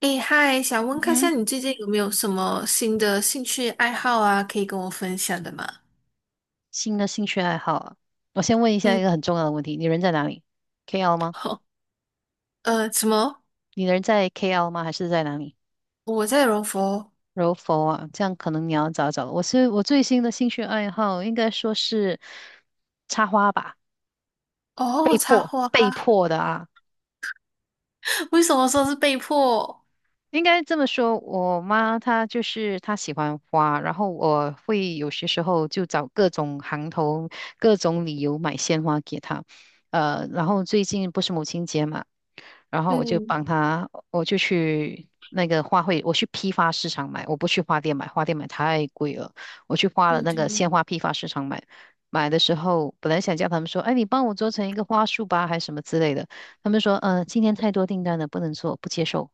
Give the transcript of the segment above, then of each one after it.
诶，嗨，想嗯问看一下哼，你最近有没有什么新的兴趣爱好啊，可以跟我分享的吗？新的兴趣爱好啊，我先问一下一嗯，个很重要的问题：你人在哪里？KL 吗？好，什么？你人在 KL 吗？还是在哪里？我在柔佛。柔佛啊，这样可能你要找找了我最新的兴趣爱好，应该说是插花吧，哦，插花，被迫的啊，为什么说是被迫？应该这么说，我妈她就是她喜欢花，然后我会有些时候就找各种行头、各种理由买鲜花给她。然后最近不是母亲节嘛，然后我就嗯，帮她，我就去那个花卉，我去批发市场买，我不去花店买，花店买太贵了，我去花了对那个对，鲜花批发市场买。买的时候，本来想叫他们说，哎，你帮我做成一个花束吧，还是什么之类的。他们说，今天太多订单了，不能做，不接受，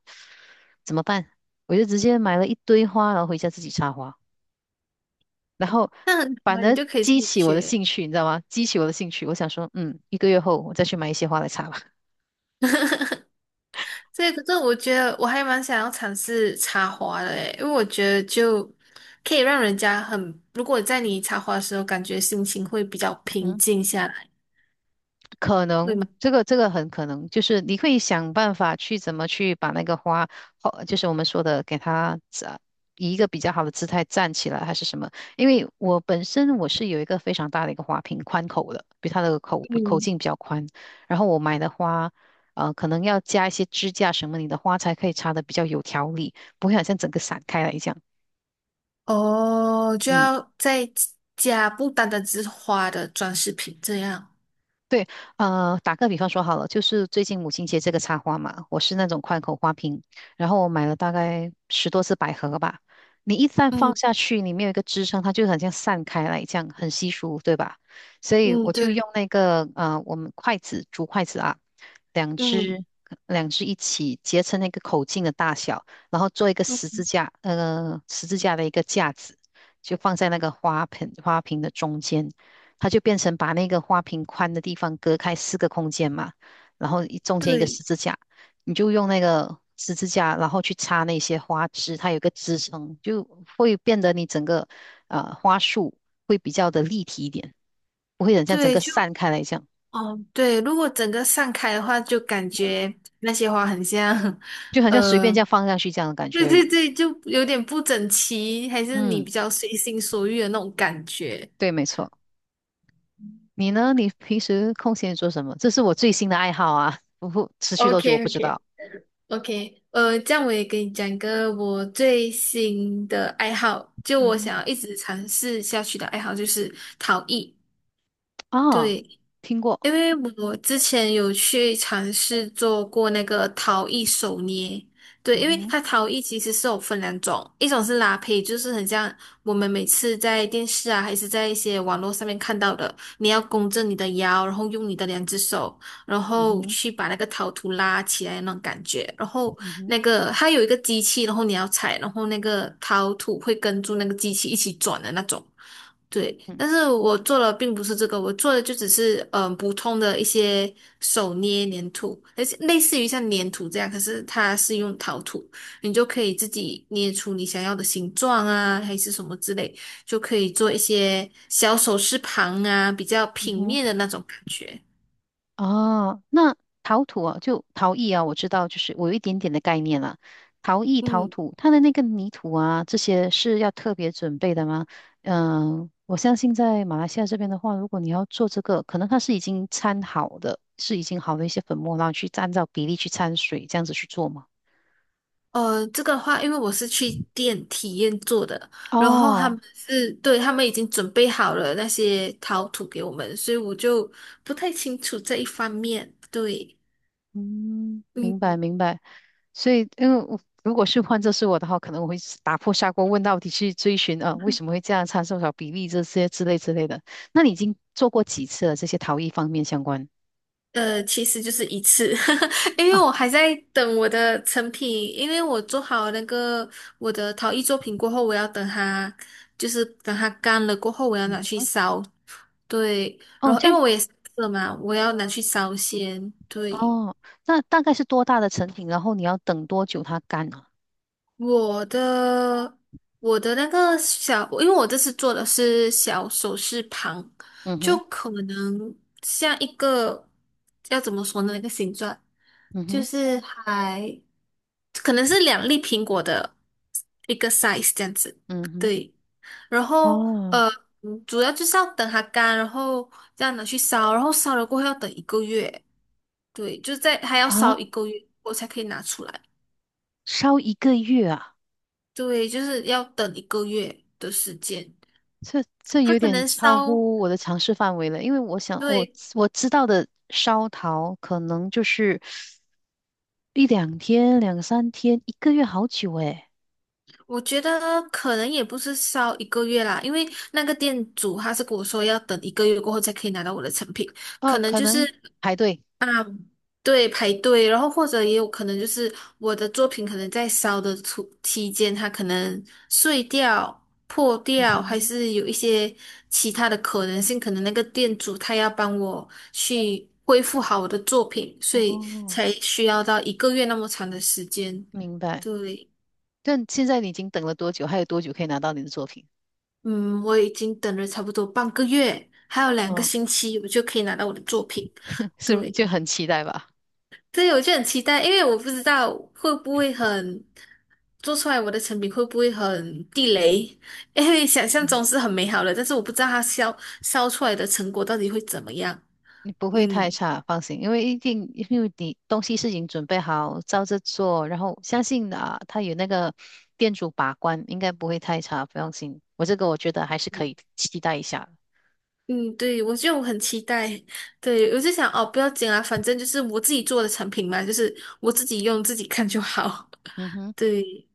怎么办？我就直接买了一堆花，然后回家自己插花，然后那很好反啊，你而就可以自激己起我的学。兴趣，你知道吗？激起我的兴趣，我想说，嗯，一个月后我再去买一些花来插吧。所以，可是我觉得我还蛮想要尝试插花的诶，因为我觉得就可以让人家很，如果在你插花的时候，感觉心情会比较 平嗯。静下来，可会能吗？这个很可能，就是你会想办法去怎么去把那个花，花就是我们说的给它站，以一个比较好的姿态站起来，还是什么？因为我本身我是有一个非常大的一个花瓶，宽口的，比它的口比口嗯。径比较宽。然后我买的花，可能要加一些支架什么，你的花才可以插的比较有条理，不会好像整个散开来一样。哦，就嗯。要再加不单单只是花的装饰品这样。对，打个比方说好了，就是最近母亲节这个插花嘛，我是那种宽口花瓶，然后我买了大概十多只百合吧。你一旦放嗯下去，你面有一个支撑，它就很像散开来这样，很稀疏，对吧？所以嗯，我就对，用那个我们筷子，竹筷子啊，两嗯只两只一起结成那个口径的大小，然后做一个十嗯，字架，十字架的一个架子，就放在那个花盆花瓶的中间。它就变成把那个花瓶宽的地方隔开四个空间嘛，然后一中间一个十对字架，你就用那个十字架，然后去插那些花枝，它有一个支撑，就会变得你整个花束会比较的立体一点，不会很像整对，个就散开来这样，哦对，如果整个散开的话，就感嗯，觉那些花很像，就好像随便这呃，样放上去这样的感觉对而对已。对，就有点不整齐，还是你嗯，比较随心所欲的那种感觉。对，没错。你呢？你平时空闲做什么？这是我最新的爱好啊，不过持续 o 多久我 k 不 o 知 k 道。OK，这样我也给你讲一个我最新的爱好，就嗯我哼，想要一直尝试下去的爱好就是陶艺。哦，对，听过。因为我之前有去尝试做过那个陶艺手捏，对，嗯因为哼，它陶艺其实是有分2种，一种是拉胚，就是很像我们每次在电视啊，还是在一些网络上面看到的，你要弓着你的腰，然后用你的2只手，然嗯后哼，去把那个陶土拉起来那种感觉，然后嗯哼。那个它有一个机器，然后你要踩，然后那个陶土会跟住那个机器一起转的那种。对，嗯但是我做的并不是这个，我做的就只是普通的一些手捏粘土，而且类似于像粘土这样，可是它是用陶土，你就可以自己捏出你想要的形状啊，还是什么之类，就可以做一些小首饰盘啊，比较嗯平哼，面的那种感觉。哦，那陶土啊，就陶艺啊，我知道，就是我有一点点的概念了。陶艺、陶嗯，土，它的那个泥土啊，这些是要特别准备的吗？嗯、我相信在马来西亚这边的话，如果你要做这个，可能它是已经掺好的，是已经好的一些粉末，然后去按照比例去掺水，这样子去做吗？这个的话，因为我是去店体验做的，然后他哦哦，们是，对，他们已经准备好了那些陶土给我们，所以我就不太清楚这一方面。对，嗯，明嗯，白明白。所以，因为我如果是换作是我的话，可能我会是打破砂锅问到底去追寻啊，为什么会这样，参数少比例这些之类之类的。那你已经做过几次了？这些陶艺方面相关？其实就是一次，因为啊，我还在等我的成品，因为我做好那个我的陶艺作品过后，我要等它，就是等它干了过后，我要嗯拿去烧。对，然哦，后这因样为我也是嘛，我要拿去烧先。对。哦，那大概是多大的成品？然后你要等多久它干啊？我的我的那个小，因为我这次做的是小首饰盘，嗯哼，就可能像一个要怎么说呢？那个形状嗯就哼，是还可能是2粒苹果的一个 size 这样子，嗯哼，对。然后哦呃，主要就是要等它干，然后这样拿去烧，然后烧了过后要等一个月，对，就在还要啊，烧一个月，我才可以拿出来。烧一个月啊，对，就是要等一个月的时间。这这他有可点能超烧，乎我的尝试范围了。因为我想，我对，我知道的烧陶可能就是。一两天、两三天、一个月，好久诶。我觉得可能也不是烧一个月啦，因为那个店主他是跟我说要等一个月过后才可以拿到我的成品，可哦，能可就是能排队。对，排队，然后或者也有可能就是我的作品可能在烧的途期间，它可能碎掉、破掉，还嗯是有一些其他的可能性，可能那个店主他要帮我去恢复好我的作品，哼，所以哦，才需要到一个月那么长的时间。明白。对，但现在你已经等了多久？还有多久可以拿到你的作品？嗯，我已经等了差不多半个月，还有两个嗯，星期，我就可以拿到我的作品。是不是就对。很期待吧？对，我就很期待，因为我不知道会不会很做出来我的成品会不会很地雷，因为想象嗯，中是很美好的，但是我不知道它烧出来的成果到底会怎么样。你不会太嗯差，放心，因为一定，因为你东西是已经准备好，照着做，然后相信啊，他有那个店主把关，应该不会太差，不用心。我这个我觉得还是可以期待一下。嗯，对，我就很期待。对，我就想哦，不要紧啊，反正就是我自己做的产品嘛，就是我自己用自己看就好。嗯哼。对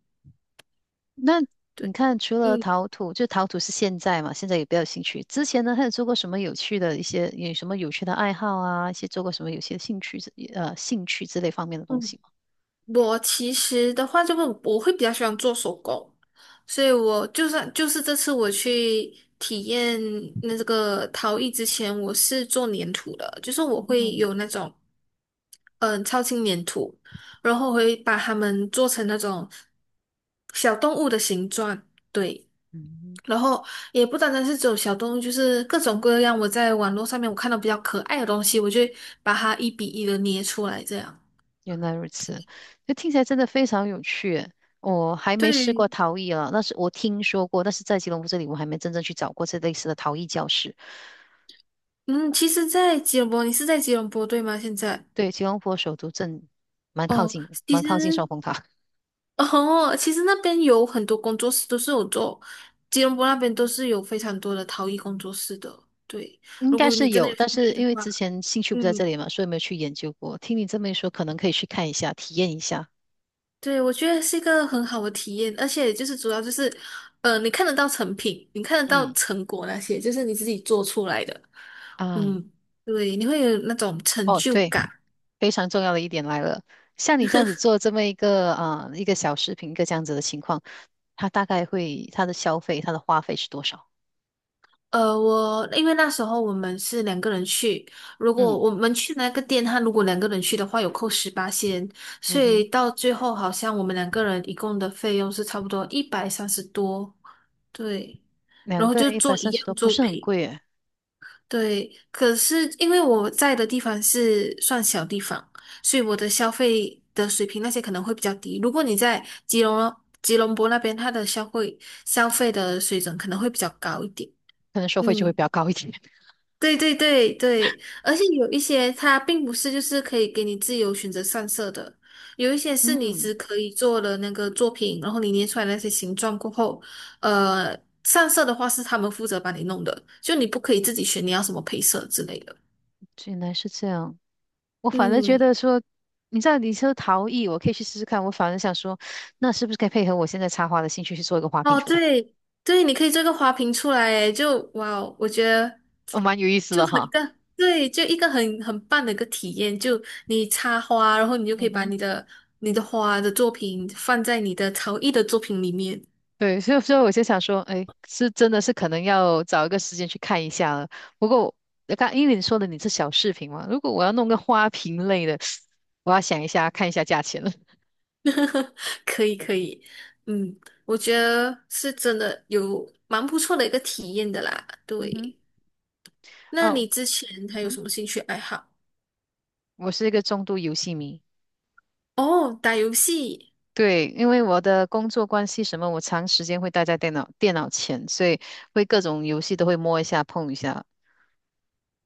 那你对，看，除了嗯陶土，就陶土是现在嘛，现在也比较有兴趣。之前呢，还有做过什么有趣的一些，有什么有趣的爱好啊？一些做过什么有些兴趣之，兴趣之类方面的东嗯。西吗？我其实的话，就会我会比较喜欢做手工，所以我就算就是这次我去体验那这个陶艺之前，我是做粘土的，就是我会嗯有那种嗯超轻粘土，然后我会把它们做成那种小动物的形状，对，嗯，然后也不单单是只有小动物，就是各种各样我在网络上面我看到比较可爱的东西，我就会把它1:1的捏出来这样。原来如此，就听起来真的非常有趣耶我还没试过对，陶艺啊，那是我听说过，但是在吉隆坡这里，我还没真正去找过这类似的陶艺教室。嗯，其实，在吉隆坡，你是在吉隆坡对吗？现在对，吉隆坡首都镇蛮靠哦，近的，其蛮靠近双实峰塔。哦，其实那边有很多工作室都是有做，吉隆坡那边都是有非常多的陶艺工作室的。对，应如该果你是真的有，有但兴是趣的因为话，之前兴趣嗯，不在这里嘛，所以没有去研究过。听你这么一说，可能可以去看一下，体验一下。对，我觉得是一个很好的体验，而且就是主要就是，呃，你看得到成品，你看得到嗯成果那些，就是你自己做出来的，啊，嗯，对，你会有那种成哦，就对，感。非常重要的一点来了，像你这样子做这么一个啊、一个小视频，一个这样子的情况，它大概会它的消费，它的花费是多少？我因为那时候我们是两个人去，如果嗯我们去那个店，他如果两个人去的话，有扣18仙，所嗯以哼，到最后好像我们两个人一共的费用是差不多130多，对，然两后个就人一百做一三十多，样不作是很品，贵诶，对。可是因为我在的地方是算小地方，所以我的消费的水平那些可能会比较低。如果你在吉隆坡那边，它的消费的水准可能会比较高一点，可能收费就会嗯。比较高一点。对对对对，而且有一些它并不是就是可以给你自由选择上色的，有一些是你嗯，只可以做了那个作品，然后你捏出来那些形状过后，呃，上色的话是他们负责帮你弄的，就你不可以自己选你要什么配色之类的。原来是这样。我反而觉嗯，得说，你知道你说陶艺，我可以去试试看。我反而想说，那是不是可以配合我现在插花的兴趣去做一个花瓶哦，出来？对对，你可以做个花瓶出来，诶，就哇哦我觉得哦，蛮有意思就的很一哈。个对，就一个很很棒的一个体验。就你插花，然后你就可嗯以把哼。你的花的作品放在你的陶艺的作品里面，对，所以我就想说，哎，是真的是可能要找一个时间去看一下了。不过刚因为你说的你是小饰品嘛，如果我要弄个花瓶类的，我要想一下看一下价钱了。可以可以，嗯，我觉得是真的有蛮不错的一个体验的啦。嗯哼，对，那哦，你之前嗯还有哼，什么兴趣爱好？我是一个重度游戏迷。哦，打游戏。对，因为我的工作关系什么，我长时间会待在电脑前，所以会各种游戏都会摸一下、碰一下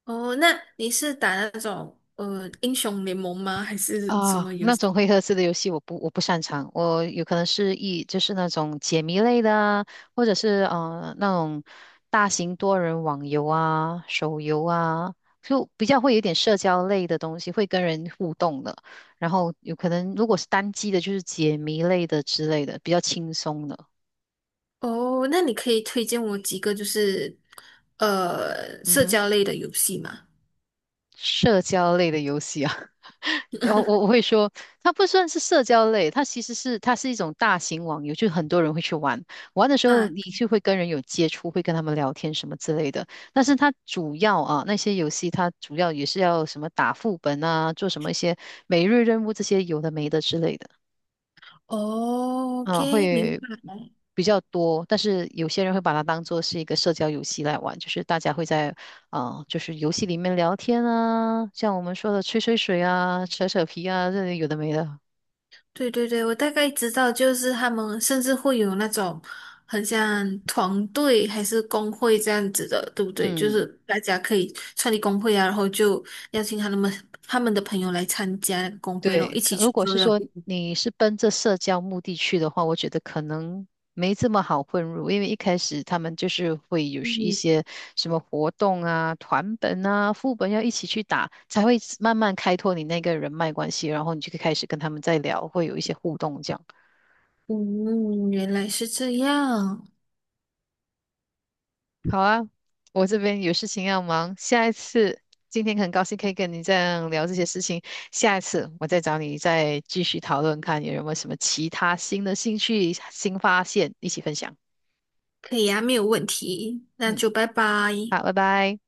哦，那你是打那种英雄联盟吗？还是什么啊。游那戏？种回合制的游戏我不擅长，我有可能是就是那种解谜类的啊，或者是那种大型多人网游啊、手游啊，就比较会有点社交类的东西，会跟人互动的。然后有可能如果是单机的，就是解谜类的之类的，比较轻松的。哦，那你可以推荐我几个就是嗯社哼，交类的游戏吗？社交类的游戏啊。我会说，它不算是社交类，它其实是它是一种大型网游，就很多人会去玩。玩的时候，啊，你就会跟人有接触，会跟他们聊天什么之类的。但是它主要啊，那些游戏它主要也是要什么打副本啊，做什么一些每日任务这些有的没的之类的哦啊，，OK，明会白。比较多。但是有些人会把它当做是一个社交游戏来玩，就是大家会在啊、就是游戏里面聊天啊，像我们说的吹吹水啊、扯扯皮啊，这里有的没的。对对对，我大概知道，就是他们甚至会有那种很像团队还是工会这样子的，对不对？就嗯，是大家可以创立工会啊，然后就邀请他们的朋友来参加工会咯，对，一起可如去果做是任说务。你是奔着社交目的去的话，我觉得可能没这么好混入，因为一开始他们就是会有是一嗯，些什么活动啊、团本啊、副本要一起去打，才会慢慢开拓你那个人脉关系，然后你就可以开始跟他们在聊，会有一些互动这样。嗯，原来是这样，好啊，我这边有事情要忙，下一次，今天很高兴可以跟你这样聊这些事情，下一次我再找你再继续讨论，看有没有什么其他新的兴趣、新发现，一起分享。可以啊，没有问题，那嗯，就拜拜。好，拜拜。